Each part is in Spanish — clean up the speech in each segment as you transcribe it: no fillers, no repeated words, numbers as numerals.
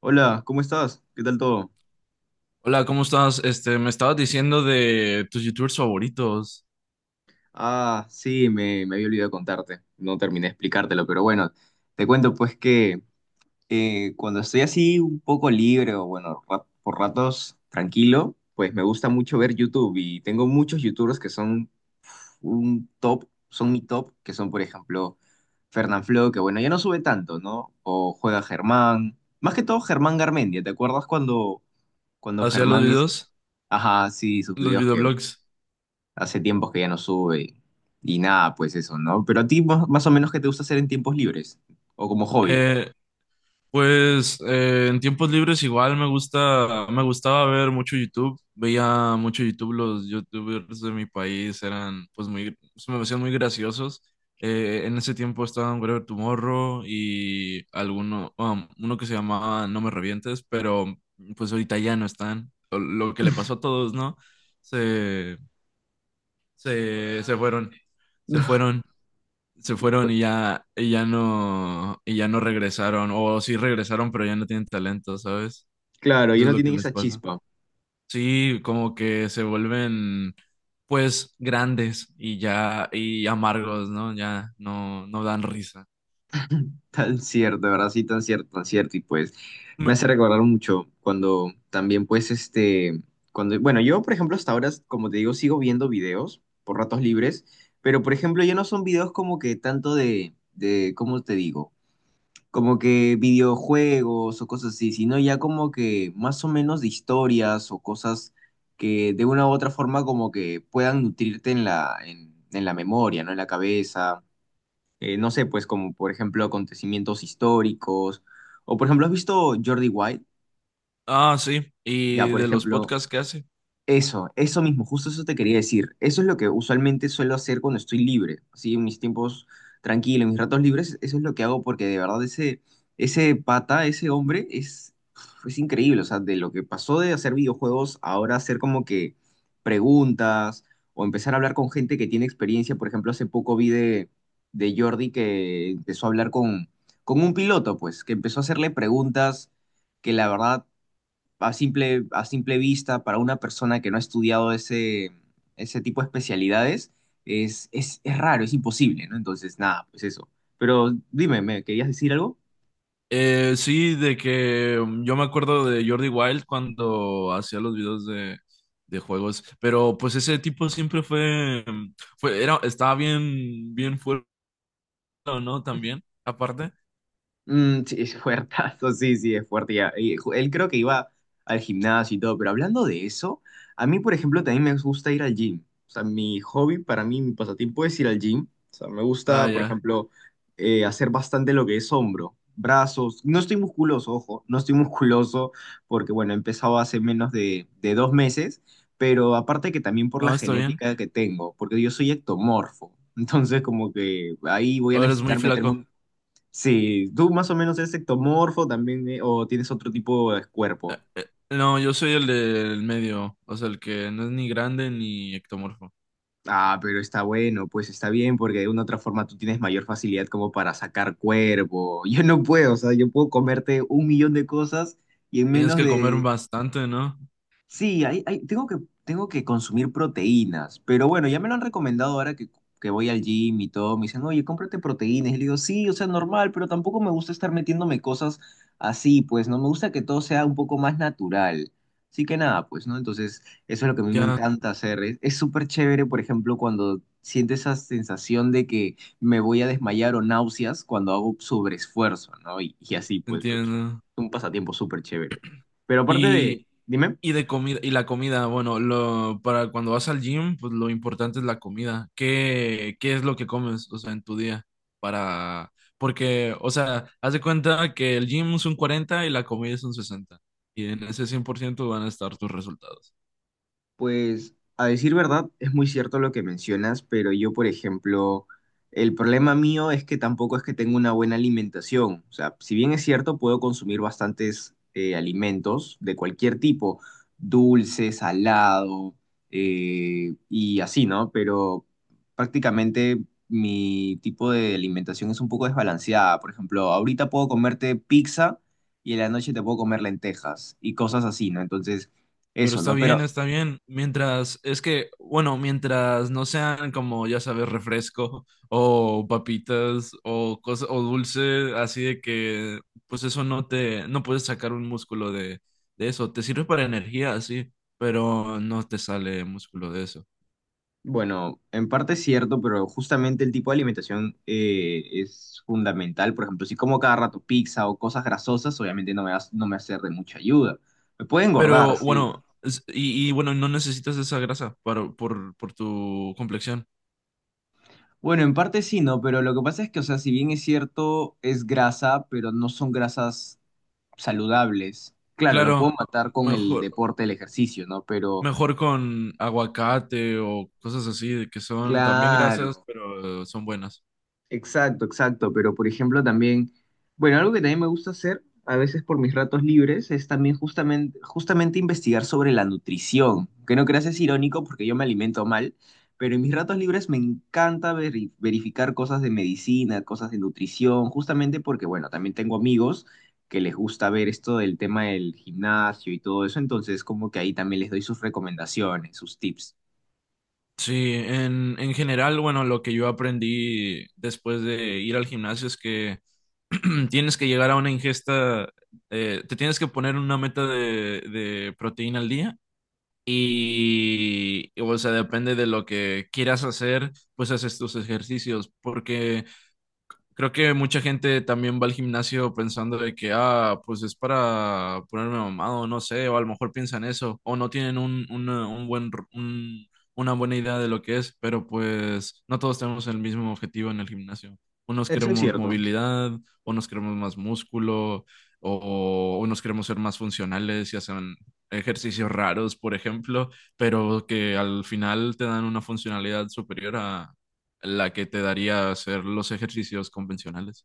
Hola, ¿cómo estás? ¿Qué tal todo? Hola, ¿cómo estás? Me estabas diciendo de tus youtubers favoritos. Ah, sí, me había olvidado contarte, no terminé de explicártelo, pero bueno, te cuento pues que cuando estoy así un poco libre o bueno, por ratos tranquilo, pues me gusta mucho ver YouTube y tengo muchos YouTubers que son un top, son mi top, que son por ejemplo Fernanfloo, que bueno, ya no sube tanto, ¿no? O juega Germán, más que todo Germán Garmendia, ¿te acuerdas cuando Hacía los Germán es... videos, Ajá, sí, sus los videos que videoblogs. hace tiempos que ya no sube y nada, pues eso, ¿no? Pero a ti más o menos qué te gusta hacer en tiempos libres o como hobby. Eh, en tiempos libres igual me gusta, me gustaba ver mucho YouTube. Veía mucho YouTube, los youtubers de mi país eran pues muy, se me hacían muy graciosos. En ese tiempo estaban Whatever Tomorrow y alguno, uno que se llamaba No me revientes, pero pues ahorita ya no están. Lo que le pasó a todos, ¿no? Se se fueron, se fueron, se fueron y ya no regresaron. O sí regresaron, pero ya no tienen talento, ¿sabes? Claro, ya Eso es no lo que tienen les esa pasa. chispa. Sí, como que se vuelven pues grandes y ya, y amargos, ¿no? Ya no, no dan risa. Tan cierto, de verdad, sí, tan cierto, tan cierto. Y pues me Me- hace recordar mucho cuando también, pues, este, cuando, bueno, yo, por ejemplo, hasta ahora, como te digo, sigo viendo videos por ratos libres, pero, por ejemplo, ya no son videos como que tanto de, ¿cómo te digo? Como que videojuegos o cosas así, sino ya como que más o menos de historias o cosas que de una u otra forma como que puedan nutrirte en en la memoria, ¿no? En la cabeza. No sé, pues como por ejemplo acontecimientos históricos. O por ejemplo, ¿has visto Jordi White? Ah, sí. Ya, ¿Y por de los ejemplo, podcasts que hace? Eso mismo, justo eso te quería decir. Eso es lo que usualmente suelo hacer cuando estoy libre, así en mis tiempos tranquilos, en mis ratos libres, eso es lo que hago porque de verdad ese pata, ese hombre es increíble, o sea, de lo que pasó de hacer videojuegos ahora hacer como que preguntas o empezar a hablar con gente que tiene experiencia. Por ejemplo, hace poco vi de Jordi que empezó a hablar con un piloto, pues, que empezó a hacerle preguntas que la verdad a simple vista, para una persona que no ha estudiado ese tipo de especialidades, es raro, es imposible, ¿no? Entonces, nada, pues eso. Pero dime, ¿me querías decir algo? Sí, de que yo me acuerdo de Jordi Wild cuando hacía los videos de juegos, pero pues ese tipo siempre fue, era, estaba bien, bien fuerte, ¿no? También, aparte. Mm, sí, es fuertazo, sí, sí, es fuerte, ya. Y él creo que iba al gimnasio y todo, pero hablando de eso, a mí, por ejemplo, también me gusta ir al gym. O sea, mi hobby para mí, mi pasatiempo es ir al gym. O sea, me Ah, gusta, por ya. ejemplo, hacer bastante lo que es hombro, brazos. No estoy musculoso, ojo, no estoy musculoso porque, bueno, he empezado hace menos de dos meses, pero aparte que también por la Ah, está bien. genética que tengo, porque yo soy ectomorfo. Entonces, como que ahí voy a O eres muy necesitar meterme flaco. un sí, tú más o menos eres ectomorfo también, o tienes otro tipo de Eh, cuerpo. eh, no, yo soy el del medio, o sea, el que no es ni grande ni ectomorfo. Ah, pero está bueno, pues está bien, porque de una u otra forma tú tienes mayor facilidad como para sacar cuerpo. Yo no puedo, o sea, yo puedo comerte un millón de cosas y en Tienes menos mm que comer de bastante, ¿no? sí, tengo que consumir proteínas, pero bueno, ya me lo han recomendado ahora que voy al gym y todo, me dicen, oye, cómprate proteínas, y le digo, sí, o sea, normal, pero tampoco me gusta estar metiéndome cosas así, pues, no, me gusta que todo sea un poco más natural, así que nada, pues, ¿no? Entonces, eso es lo que a mí me Ya, encanta hacer, es súper chévere, por ejemplo, cuando siento esa sensación de que me voy a desmayar o náuseas cuando hago sobreesfuerzo, ¿no? Y así, pues, pero es entiendo. un pasatiempo súper chévere. Pero aparte de, Y dime. Y de comida, y la comida, bueno, lo, para cuando vas al gym, pues lo importante es la comida. ¿Qué, qué es lo que comes, o sea, en tu día? Para, porque, o sea, haz de cuenta que el gym es un 40 y la comida es un 60. Y en ese 100% van a estar tus resultados. Pues a decir verdad, es muy cierto lo que mencionas, pero yo, por ejemplo, el problema mío es que tampoco es que tenga una buena alimentación. O sea, si bien es cierto, puedo consumir bastantes alimentos de cualquier tipo, dulce, salado y así, ¿no? Pero prácticamente mi tipo de alimentación es un poco desbalanceada. Por ejemplo, ahorita puedo comerte pizza y en la noche te puedo comer lentejas y cosas así, ¿no? Entonces... Pero Eso, está ¿no? bien, Pero está bien. Mientras, es que, bueno, mientras no sean como, ya sabes, refresco o papitas o cosa, o dulce, así de que, pues eso no te, no puedes sacar un músculo de eso. Te sirve para energía, sí, pero no te sale músculo de eso. bueno, en parte es cierto, pero justamente el tipo de alimentación es fundamental. Por ejemplo, si como cada rato pizza o cosas grasosas, obviamente no me va a ser de mucha ayuda. Me puede engordar, Pero sí. bueno, y bueno, no necesitas esa grasa para, por tu complexión. Bueno, en parte sí, ¿no? Pero lo que pasa es que, o sea, si bien es cierto, es grasa, pero no son grasas saludables. Claro, lo Claro, puedo matar con el mejor. deporte, el ejercicio, ¿no? Pero, Mejor con aguacate o cosas así, de que son también grasas, claro, pero son buenas. exacto, exacto, pero por ejemplo también, bueno, algo que también me gusta hacer a veces por mis ratos libres es también justamente investigar sobre la nutrición, que no creas es irónico porque yo me alimento mal, pero en mis ratos libres me encanta verificar cosas de medicina, cosas de nutrición, justamente porque, bueno, también tengo amigos que les gusta ver esto del tema del gimnasio y todo eso, entonces como que ahí también les doy sus recomendaciones, sus tips. Sí, en general, bueno, lo que yo aprendí después de ir al gimnasio es que tienes que llegar a una ingesta, te tienes que poner una meta de proteína al día y, o sea, depende de lo que quieras hacer, pues haces tus ejercicios, porque creo que mucha gente también va al gimnasio pensando de que, ah, pues es para ponerme mamado, no sé, o a lo mejor piensan eso, o no tienen un, una, un buen, una buena idea de lo que es, pero pues no todos tenemos el mismo objetivo en el gimnasio. Unos Eso es queremos cierto. movilidad, unos queremos más músculo, o unos queremos ser más funcionales y hacen ejercicios raros, por ejemplo, pero que al final te dan una funcionalidad superior la que te daría hacer los ejercicios convencionales.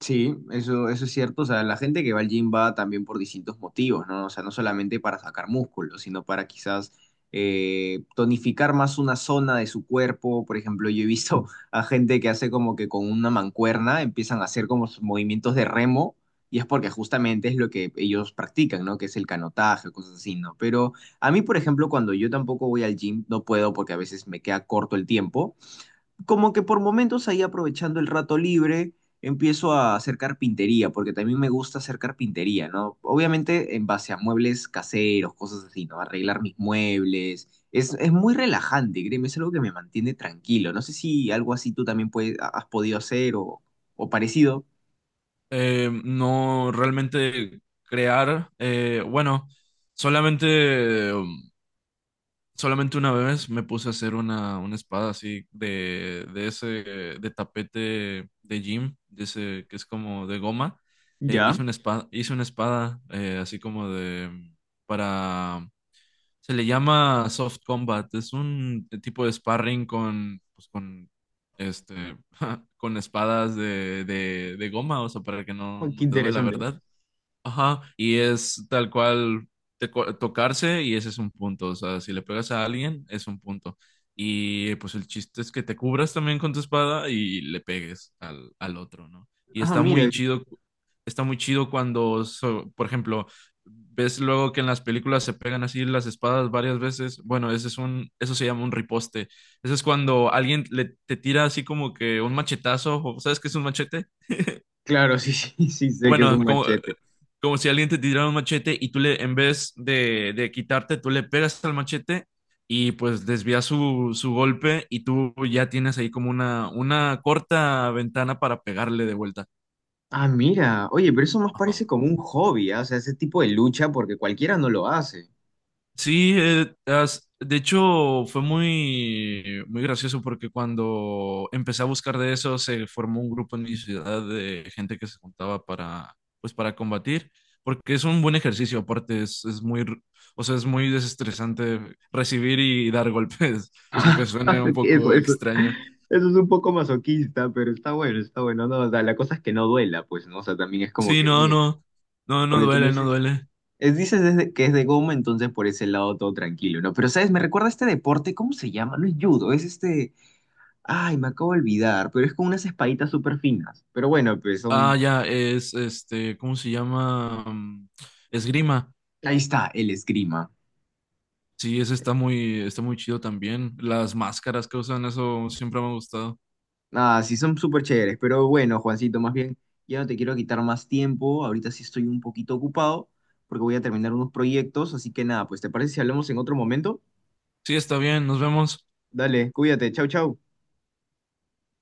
Sí, eso es cierto. O sea, la gente que va al gym va también por distintos motivos, ¿no? O sea, no solamente para sacar músculo, sino para quizás tonificar más una zona de su cuerpo. Por ejemplo, yo he visto a gente que hace como que con una mancuerna empiezan a hacer como sus movimientos de remo y es porque justamente es lo que ellos practican, ¿no? Que es el canotaje, cosas así, ¿no? Pero a mí, por ejemplo, cuando yo tampoco voy al gym, no puedo porque a veces me queda corto el tiempo como que por momentos ahí aprovechando el rato libre, empiezo a hacer carpintería, porque también me gusta hacer carpintería, ¿no? Obviamente en base a muebles caseros, cosas así, ¿no? Arreglar mis muebles. Es muy relajante, créeme, es algo que me mantiene tranquilo. No sé si algo así tú también puedes, has podido hacer o parecido. No realmente crear, bueno, solamente, solamente una vez me puse a hacer una espada así de ese, de tapete de gym, de ese que es como de goma. Ya, Hice una espada, hice una espada así como de, para se le llama soft combat. Es un tipo de sparring con, pues, con, este, con espadas de goma, o sea, para que no, oh, qué no te duele la interesante. verdad. Ajá, y es tal cual tocarse y ese es un punto. O sea, si le pegas a alguien, es un punto. Y pues el chiste es que te cubras también con tu espada y le pegues al, al otro, ¿no? Y Ah, mira, está muy chido cuando, por ejemplo, ves luego que en las películas se pegan así las espadas varias veces. Bueno, ese es un, eso se llama un riposte. Eso es cuando alguien le, te tira así como que un machetazo, ¿sabes qué es un machete? claro, sí, sí, sí, sé que es Bueno, un como, machete. como si alguien te tirara un machete y tú le, en vez de quitarte, tú le pegas al machete y pues desvías su, su golpe y tú ya tienes ahí como una corta ventana para pegarle de vuelta. Ah, mira, oye, pero eso más parece como un hobby, ¿ah? O sea, ese tipo de lucha, porque cualquiera no lo hace. Sí, de hecho fue muy, muy gracioso porque cuando empecé a buscar de eso se formó un grupo en mi ciudad de gente que se juntaba para, pues, para combatir, porque es un buen ejercicio, aparte es muy, o sea, es muy desestresante recibir y dar golpes, aunque suene un Eso, poco eso, extraño. eso es un poco masoquista, pero está bueno, no, o sea, la cosa es que no duela, pues, ¿no? O sea, también es como Sí, que, no, bueno, no, no, no porque como duele, no dices, duele. Dices es que es de goma, entonces por ese lado todo tranquilo, ¿no? Pero, ¿sabes? Me recuerda a este deporte, ¿cómo se llama? No es judo, es este, ay, me acabo de olvidar, pero es con unas espaditas súper finas, pero bueno, pues Ah, son, ya, es este, ¿cómo se llama? Esgrima. ahí está, el esgrima. Sí, ese está muy chido también. Las máscaras que usan, eso siempre me ha gustado. Ah, sí, son súper chéveres, pero bueno, Juancito, más bien, ya no te quiero quitar más tiempo, ahorita sí estoy un poquito ocupado porque voy a terminar unos proyectos, así que nada, pues ¿te parece si hablamos en otro momento? Sí, está bien, nos vemos. Dale, cuídate, chau, chau.